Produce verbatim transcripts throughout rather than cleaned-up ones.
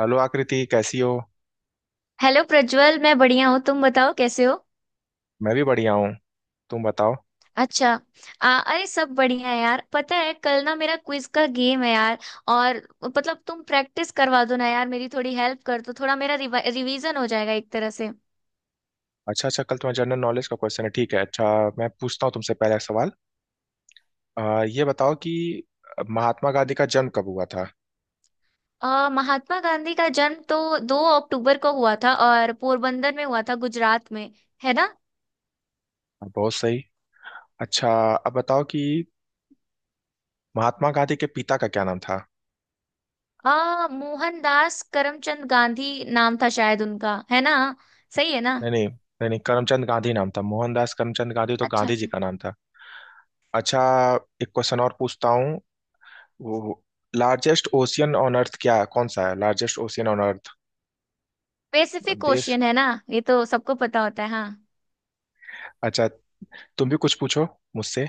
Hello Akriti कैसी हो? Hello Prajwal. मैं बढ़िया हूँ। तुम बताओ कैसे हो? मैं भी बढ़िया हूँ। तुम बताओ। अच्छा। आ, अरे सब बढ़िया है यार। पता है कल ना मेरा क्विज का गेम है यार। और मतलब तुम प्रैक्टिस करवा दो ना यार, मेरी थोड़ी हेल्प कर दो, थोड़ा मेरा रिवीजन हो जाएगा एक तरह से। अच्छा अच्छा, कल तुम्हारा जनरल नॉलेज का क्वेश्चन है, ठीक है। अच्छा, मैं पूछता हूँ तुमसे पहला सवाल। आ, ये बताओ कि महात्मा गांधी का जन्म कब हुआ था? आ, महात्मा गांधी का जन्म तो दो अक्टूबर को हुआ था और पोरबंदर में हुआ था, गुजरात में। है ना। बहुत सही। अच्छा, अब बताओ कि महात्मा गांधी के पिता का क्या नाम था? आ, मोहनदास करमचंद गांधी नाम था शायद उनका। है ना। सही है ना। नहीं नहीं नहीं नहीं, करमचंद गांधी नाम था। मोहनदास करमचंद गांधी तो अच्छा। गांधी जी अच्छा। का नाम था। अच्छा, एक क्वेश्चन और पूछता हूँ। वो लार्जेस्ट ओशियन ऑन अर्थ क्या कौन सा है? Largest ocean on earth. Specific देश। क्वेश्चन है ना, ये तो सबको पता होता है। हाँ। अच्छा, तुम भी कुछ पूछो मुझसे।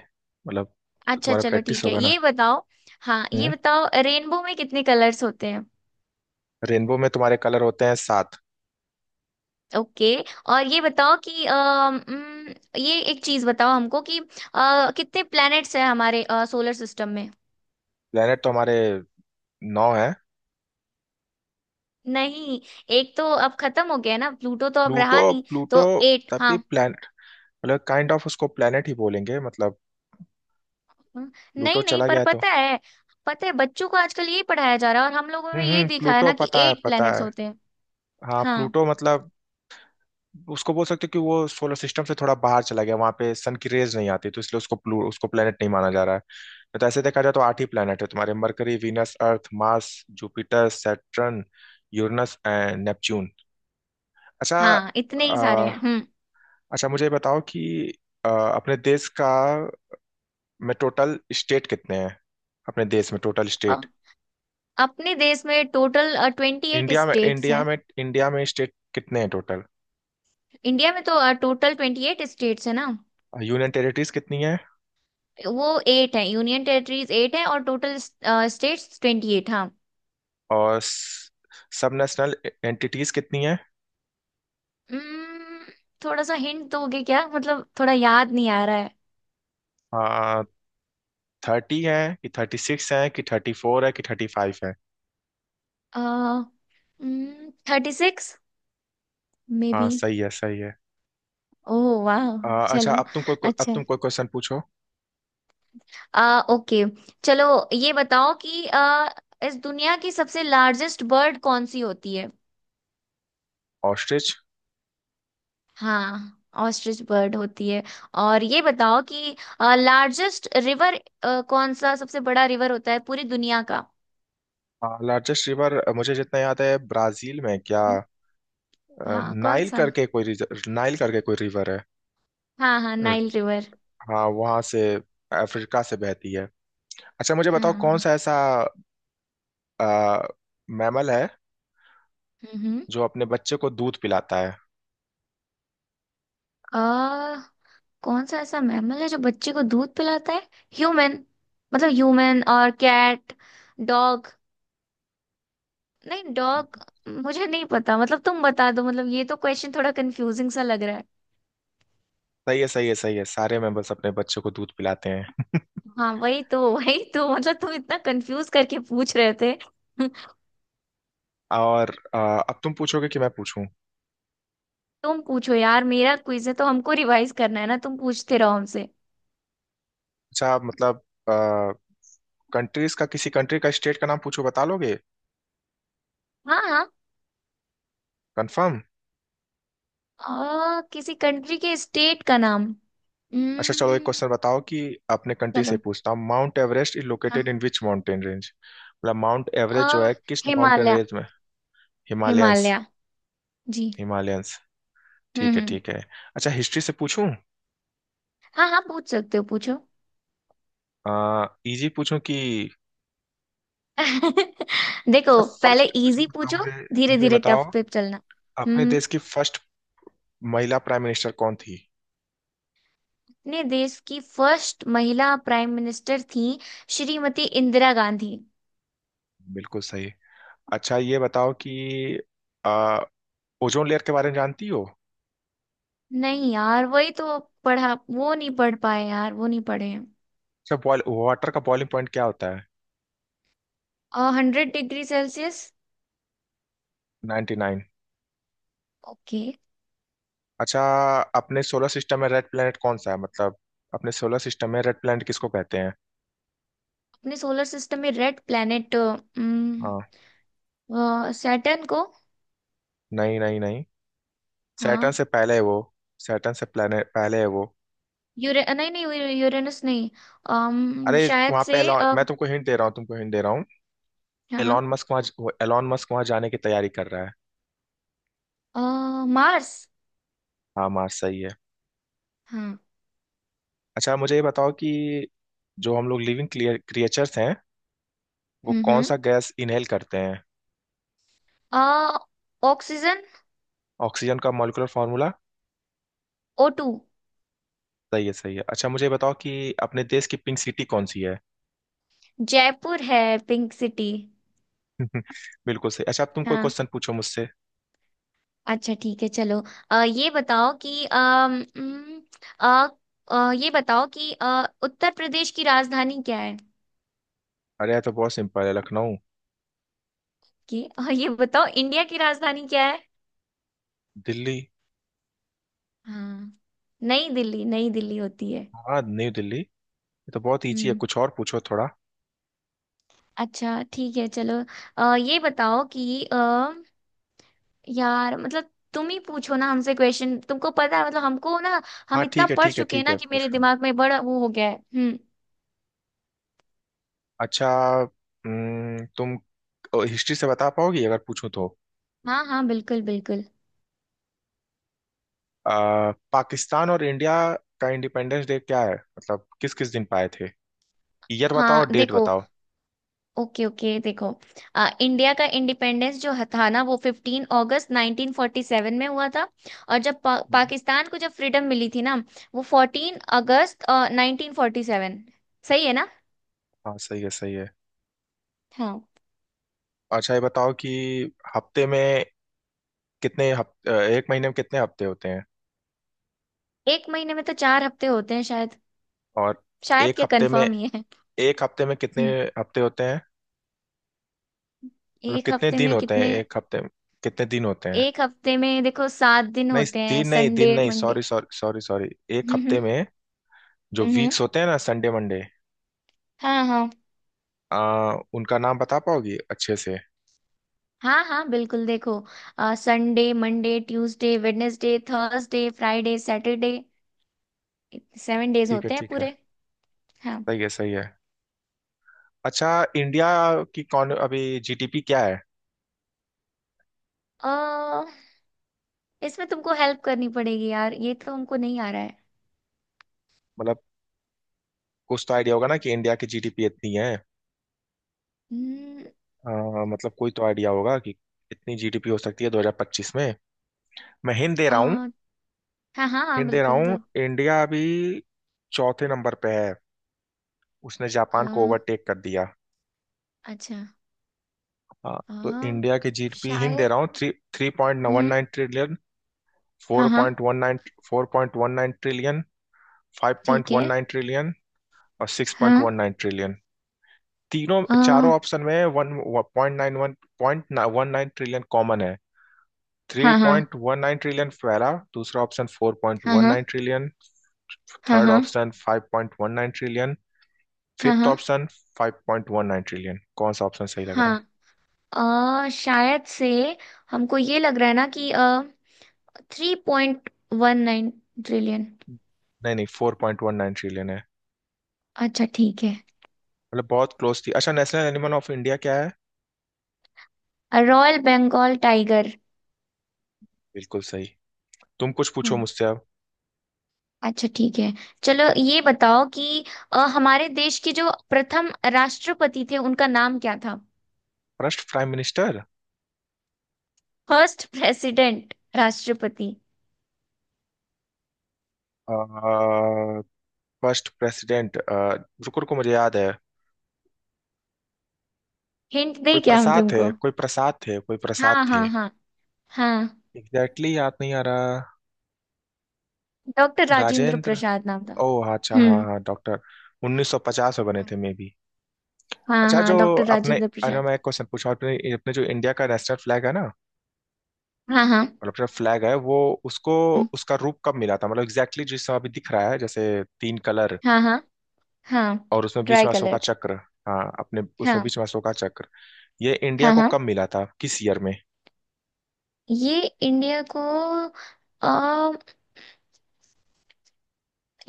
मतलब, तो अच्छा तुम्हारा चलो प्रैक्टिस ठीक है, होगा ना। ये बताओ। हाँ, ये हम्म, बताओ रेनबो में कितने कलर्स होते हैं। रेनबो में तुम्हारे कलर होते हैं सात। ओके। और ये बताओ कि अम, उम, ये एक चीज बताओ हमको कि अ, कितने प्लैनेट्स हैं हमारे सोलर सिस्टम में। प्लेनेट तो हमारे नौ है। नहीं। एक तो अब खत्म हो गया ना, प्लूटो तो अब प्लूटो, रहा नहीं। प्लूटो। तो एट। तभी हाँ। प्लेनेट, मतलब काइंड ऑफ उसको प्लेनेट ही बोलेंगे मतलब। हम्म, प्लूटो नहीं नहीं, चला पर गया तो। पता है। पता है बच्चों को आजकल यही पढ़ाया जा रहा है, और हम लोगों हम्म में यही हम्म, दिखाया प्लूटो ना कि पता है एट पता प्लैनेट्स है। होते हैं। हाँ हाँ प्लूटो, मतलब उसको बोल सकते हो कि वो सोलर सिस्टम से थोड़ा बाहर चला गया, वहां पे सन की रेज नहीं आती, तो इसलिए उसको प्लू उसको प्लेनेट नहीं माना जा रहा है। नहीं तो ऐसे देखा जाए तो आठ ही प्लेनेट है तुम्हारे। Mercury, Venus, Earth, Mars, Jupiter, Saturn, Uranus and Neptune. अच्छा। हाँ, इतने अ, ही सारे हैं। हम्म। अच्छा, मुझे ये बताओ कि अ, अपने देश का में टोटल स्टेट कितने हैं? अपने देश में टोटल स्टेट? अपने देश में टोटल ट्वेंटी एट इंडिया में स्टेट्स इंडिया हैं। में इंडिया में स्टेट कितने हैं टोटल? इंडिया में तो टोटल ट्वेंटी एट स्टेट्स है ना। यूनियन टेरिटरीज कितनी है? वो एट है, यूनियन टेरिटरीज एट है, और टोटल स्टेट्स ट्वेंटी एट। हाँ। और सब नेशनल एंटिटीज कितनी है? Hmm, थोड़ा सा हिंट दोगे क्या, मतलब थोड़ा याद नहीं आ रहा है। हाँ, थर्टी है कि थर्टी सिक्स है कि थर्टी फोर है कि थर्टी फाइव है? थर्टी सिक्स मे हाँ बी। सही है सही है। ओह वाह। आ, अच्छा, चलो अब तुम कोई को, अब अच्छा है। तुम कोई क्वेश्चन पूछो। आ, ओके। चलो। ये बताओ कि अ, इस दुनिया की सबसे लार्जेस्ट बर्ड कौन सी होती है। ऑस्ट्रिच। हाँ। ऑस्ट्रिच बर्ड होती है। और ये बताओ कि लार्जेस्ट रिवर, कौन सा सबसे बड़ा रिवर होता है पूरी दुनिया का। लार्जेस्ट रिवर मुझे जितना याद है ब्राजील में क्या। हम्म। अ, हाँ, कौन नाइल सा। करके कोई रिज- नाइल करके कोई रिवर है। हाँ हाँ, अ, नाइल रिवर। हाँ वहां से, अफ्रीका से बहती है। अच्छा, मुझे हाँ बताओ कौन हाँ। सा ऐसा आ, मैमल है हम्म। जो अपने बच्चे को दूध पिलाता है। आ, कौन सा ऐसा मैमल है जो बच्चे को दूध पिलाता है? ह्यूमन। मतलब ह्यूमन और कैट, डॉग। नहीं डॉग। मुझे नहीं पता, मतलब तुम बता दो, मतलब ये तो क्वेश्चन थोड़ा कंफ्यूजिंग सा लग। सही है सही है सही है, सारे मैमल्स अपने बच्चे को दूध पिलाते हैं। हाँ वही तो, वही तो, मतलब तुम इतना कंफ्यूज करके पूछ रहे थे। और अ, अब तुम पूछोगे कि मैं पूछूं? तुम पूछो यार, मेरा क्विज है तो हमको रिवाइज करना है ना, तुम पूछते रहो हमसे। अच्छा, आप मतलब कंट्रीज का, किसी कंट्री का स्टेट का नाम पूछो, बता लोगे? हाँ हाँ। कंफर्म? आ, किसी कंट्री के स्टेट का नाम। अच्छा चलो, एक हम्म। क्वेश्चन बताओ कि अपने कंट्री से चलो। पूछता हूँ। माउंट एवरेस्ट इज लोकेटेड हाँ। In which mountain range? मतलब माउंट एवरेस्ट जो आ, है किस माउंटेन हिमालय। रेंज में? हिमालयंस। हिमालय जी। हिमालयंस। हम्म ठीक है हम्म। ठीक है। अच्छा, हिस्ट्री से पूछूं? हाँ हाँ पूछ सकते हो, पूछो। आ, इजी पूछूं कि? अच्छा, देखो पहले फर्स्ट, अच्छा इजी बताओ पूछो, मुझे। धीरे मुझे धीरे बताओ टफ पे चलना। अपने हम्म। देश की फर्स्ट महिला प्राइम मिनिस्टर कौन थी? अपने देश की फर्स्ट महिला प्राइम मिनिस्टर थी श्रीमती इंदिरा गांधी। बिल्कुल सही। अच्छा, ये बताओ कि ओजोन लेयर के बारे में जानती हो? अच्छा, नहीं यार, वही तो पढ़ा, वो नहीं पढ़ पाए यार, वो नहीं पढ़े। बॉयल वाटर का बॉइलिंग पॉइंट क्या होता है? और hundred degree Celsius. Ninety nine. Okay. अच्छा, अपने सोलर सिस्टम में रेड प्लैनेट कौन सा है, मतलब अपने सोलर सिस्टम में रेड प्लैनेट किसको कहते हैं? अपने सोलर सिस्टम में रेड प्लैनेट, हाँ। सैटर्न को। नहीं नहीं नहीं, सैटर्न हाँ। से पहले है वो। सैटर्न से planet- पहले है वो। यूरे नहीं नहीं, यू- यूरेनस नहीं। अम अरे, शायद वहां पे से एलॉन अ, मैं तुमको हिंट दे रहा हूँ, तुमको हिंट दे रहा हूँ। हाँ हाँ। एलॉन मस्क वहाँ एलॉन मस्क वहाँ जाने की तैयारी कर रहा है। अ, मार्स। हाँ, मार्स सही है। हाँ। अच्छा, मुझे ये बताओ कि जो हम लोग लिविंग क्रिएचर्स हैं वो हम्म कौन हम्म। सा गैस इनहेल करते हैं? अ, ऑक्सीजन। ऑक्सीजन का मॉलिक्यूलर फॉर्मूला? O two. सही है सही है। अच्छा, मुझे बताओ कि अपने देश की पिंक सिटी कौन सी है? जयपुर है, पिंक सिटी। बिल्कुल सही। अच्छा, अब तुम कोई हाँ। क्वेश्चन पूछो मुझसे। अच्छा ठीक है, चलो। अ, ये बताओ कि अम, उम, अ, अ, ये बताओ कि अ, उत्तर प्रदेश की राजधानी क्या है? अरे यार, तो बहुत सिंपल है, लखनऊ। कि अ, ये बताओ इंडिया की राजधानी क्या है? दिल्ली। हाँ। नई दिल्ली, नई दिल्ली होती है। हाँ, न्यू दिल्ली, ये तो बहुत ईजी है, हम्म। कुछ और पूछो थोड़ा। अच्छा ठीक है, चलो। अ, ये बताओ कि अ, यार मतलब तुम ही पूछो ना हमसे क्वेश्चन, तुमको पता है, मतलब हमको ना, हम हाँ इतना ठीक है पढ़ ठीक है चुके हैं ठीक ना है, कि पूछ मेरे रहा हूँ। दिमाग में बड़ा वो हो गया है। हम्म। अच्छा। हम्म, तुम हिस्ट्री से बता पाओगी अगर पूछूं तो? हाँ हाँ बिल्कुल बिल्कुल। आ, पाकिस्तान और इंडिया का इंडिपेंडेंस डे क्या है, मतलब किस किस दिन पाए थे? ईयर बताओ हाँ और डेट देखो। बताओ। ओके ओके देखो। आ, इंडिया का इंडिपेंडेंस जो ह- था ना, वो पंद्रह अगस्त नाइनटीन फोर्टी सेवन में हुआ था। और जब पा, हम्म। पाकिस्तान को जब फ्रीडम मिली थी ना, वो चौदह अगस्त आ, नाइनटीन फोर्टी सेवन। सही है ना। हाँ सही है सही है। हाँ। अच्छा, ये बताओ कि हफ्ते में कितने हफ्ते, एक महीने में कितने हफ्ते होते हैं? एक महीने में तो चार हफ्ते होते हैं शायद। और शायद एक क्या, हफ्ते में कंफर्म ही है। एक हफ्ते में कितने हम्म। हफ्ते होते हैं? मतलब एक कितने हफ्ते दिन में होते हैं कितने, एक हफ्ते में, कितने दिन होते हैं? एक हफ्ते में देखो सात दिन नहीं, होते हैं, दिन नहीं, दिन संडे नहीं। Monday. Sorry sorry sorry sorry, एक हम्म हम्म। हफ्ते में जो हम्म, वीक्स होते हैं ना, संडे मंडे, हाँ हाँ। आ उनका नाम बता पाओगी अच्छे से? हाँ हाँ बिल्कुल देखो। Sunday, Monday, Tuesday, Wednesday, Thursday, Friday, Saturday. Seven days ठीक है होते हैं ठीक है। पूरे। हाँ। सही है सही है। अच्छा, इंडिया की कौन अभी जीडीपी क्या है? अ, इसमें तुमको हेल्प करनी पड़ेगी यार, ये तो हमको नहीं आ रहा है। मतलब कुछ तो आइडिया होगा ना कि इंडिया की जीडीपी इतनी है। हम्म। आ, मतलब कोई तो आइडिया होगा कि इतनी जीडीपी हो सकती है दो हज़ार पच्चीस में। मैं हिंट दे अ, रहा हूँ, हाँ हाँ। हाँ हिंट दे रहा बिल्कुल हूँ तो। इंडिया अभी चौथे नंबर पे है, उसने अ, जापान को ओवरटेक कर दिया। अच्छा। हाँ अ, तो इंडिया की जीडपी हिंट दे शायद। रहा हूँ, थ्री थ्री पॉइंट वन हम्म। नाइन ट्रिलियन, हाँ फोर हाँ। Point one nine, four point one nine trillion, five point ठीक है। वन नाइन ट्रिलियन और सिक्स पॉइंट हाँ। One nine trillion. तीनों अ, चारों हाँ ऑप्शन में one point nine, one point one nine trillion common है। थ्री हाँ पॉइंट वन नाइन ट्रिलियन पहला दूसरा ऑप्शन, फोर पॉइंट हाँ। वन हाँ नाइन ट्रिलियन हाँ थर्ड हाँ। Option, five point one nine trillion हाँ फिफ्थ हाँ option, five point one nine trillion. कौन सा ऑप्शन सही लग रहा है? हाँ। अ, शायद से हमको ये लग रहा है ना कि three point one nine trillion. नहीं नहीं, four point one nine trillion है। अच्छा ठीक है। मतलब बहुत क्लोज थी। अच्छा, नेशनल एनिमल ऑफ इंडिया क्या है? Royal Bengal tiger. बिल्कुल सही। तुम कुछ पूछो हम्म। मुझसे अब। अच्छा ठीक है, चलो। ये बताओ कि अ, हमारे देश के जो प्रथम राष्ट्रपति थे, उनका नाम क्या था? First prime minister? First president, राष्ट्रपति। First president? रुको रुको, मुझे याद है। हिंट कोई दे क्या हम प्रसाद थे तुमको? कोई प्रसाद थे कोई प्रसाद हाँ थे। हाँ। हाँ हाँ, एग्जैक्टली exactly याद नहीं आ रहा। डॉक्टर राजेंद्र राजेंद्र। प्रसाद नाम था। ओ, अच्छा हाँ हम्म। हाँ, डॉक्टर। उन्नीस सौ पचास में बने थे मे बी। हाँ अच्छा जो हाँ, डॉक्टर आपने, राजेंद्र अरे प्रसाद। मैं एक क्वेश्चन पूछा आपने, अपने जो इंडिया का नेशनल फ्लैग है ना, हाँ हाँ। मतलब जो फ्लैग है वो, उसको, हम्म, उसका रूप कब मिला था, मतलब एग्जैक्टली जिस समय अभी दिख रहा है, जैसे तीन कलर हाँ हाँ हाँ। और उसमें बीच ट्राई में अशोका कलर्ड। चक्र, हाँ अपने उसमें हाँ बीच में अशोका चक्र, ये इंडिया हाँ को हाँ। कब मिला था किस ईयर में? ये इंडिया को आ,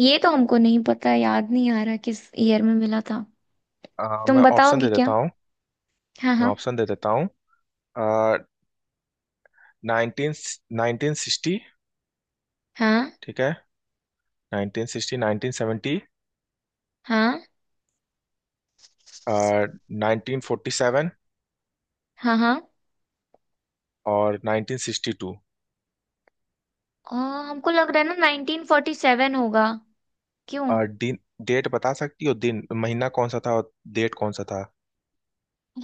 ये तो हमको नहीं पता, याद नहीं आ रहा किस ईयर में मिला था। अ, मैं तुम ऑप्शन बताओगे दे देता क्या? हूँ, हाँ मैं हाँ ऑप्शन दे देता हूँ। नाइनटीन, नाइनटीन सिक्सटी, हाँ ठीक है, नाइनटीन सिक्सटी, नाइनटीन सेवेंटी, हाँ नाइनटीन फोर्टी सेवन हाँ हाँ। और नाइनटीन सिक्सटी टू। आ, हमको लग रहा है ना नाइनटीन फोर्टी सेवन होगा। क्यों? आ, दिन, डेट बता सकती हो, दिन महीना कौन सा था और डेट कौन सा था?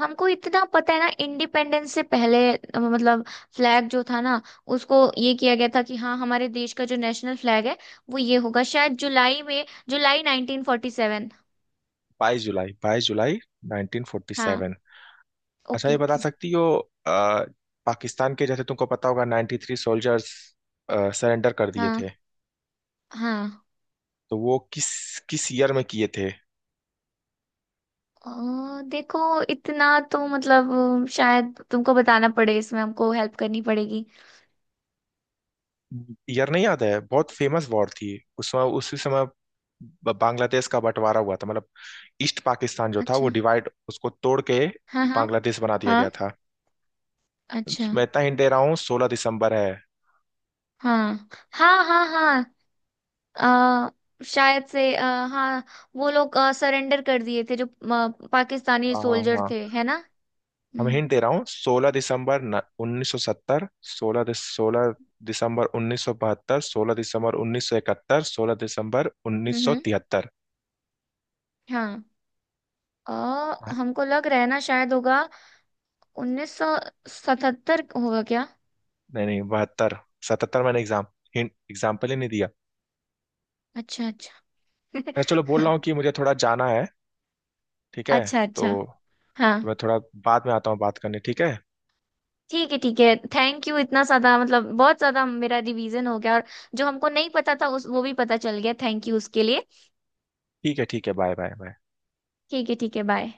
हमको इतना पता है ना, इंडिपेंडेंस से पहले अ, मतलब फ्लैग जो था ना, उसको ये किया गया था कि हाँ हमारे देश का जो नेशनल फ्लैग है वो ये होगा, शायद जुलाई में, जुलाई नाइनटीन फोर्टी सेवन। बाईस जुलाई, बाईस जुलाई हाँ। 1947। अच्छा, ये ओके बता ओके। सकती हो आ, पाकिस्तान के जैसे तुमको पता होगा नाइंटी थ्री सोल्जर्स सरेंडर कर दिए हाँ थे, हाँ। तो वो किस, किस ईयर में किए थे? अ, देखो इतना तो मतलब अ, शायद तुमको बताना पड़े, इसमें हमको हेल्प करनी पड़ेगी। ईयर नहीं याद है, बहुत फेमस वॉर थी उस समय, उसी समय ब- बांग्लादेश का बंटवारा हुआ था, मतलब ईस्ट पाकिस्तान जो था अच्छा। वो डिवाइड, उसको तोड़ के हाँ हाँ बांग्लादेश बना दिया हाँ। गया था। अच्छा। मैं इतना हिंट दे रहा हूँ, सोलह दिसंबर है। हाँ हाँ हाँ हाँ। अ, शायद से अ, हाँ, वो लोग सरेंडर कर दिए थे जो अ, पाकिस्तानी हाँ हाँ सोल्जर हाँ। थे, है ना। हम हम्म हिंट दे रहा हूँ, सोलह दिसंबर उन्नीस सौ सत्तर, सोलह सोलह दिसंबर उन्नीस सौ बहत्तर, सोलह दिसंबर उन्नीस सौ इकहत्तर, सोलह दिसंबर उन्नीस हम्म। सौ हम्म, तिहत्तर हाँ। अ, हाँ, हमको लग रहा है ना, शायद होगा उन्नीस सौ सतहत्तर होगा क्या? नहीं नहीं, बहत्तर। सतहत्तर, मैंने एग्जाम हिंट एग्जाम्पल ही नहीं दिया। अच्छा। अच्छा। मैं चलो बोल रहा हूँ कि मुझे थोड़ा जाना है, ठीक है? अच्छा। अच्छा। तो, हाँ तो मैं थोड़ा बाद में आता हूँ बात करने, ठीक है। ठीक है ठीक है। थैंक यू इतना ज्यादा, मतलब बहुत ज्यादा मेरा रिवीजन हो गया। और जो हमको नहीं पता था उस वो भी पता चल गया, थैंक यू उसके लिए। ठीक है ठीक है, बाय बाय बाय। ठीक है ठीक है। बाय।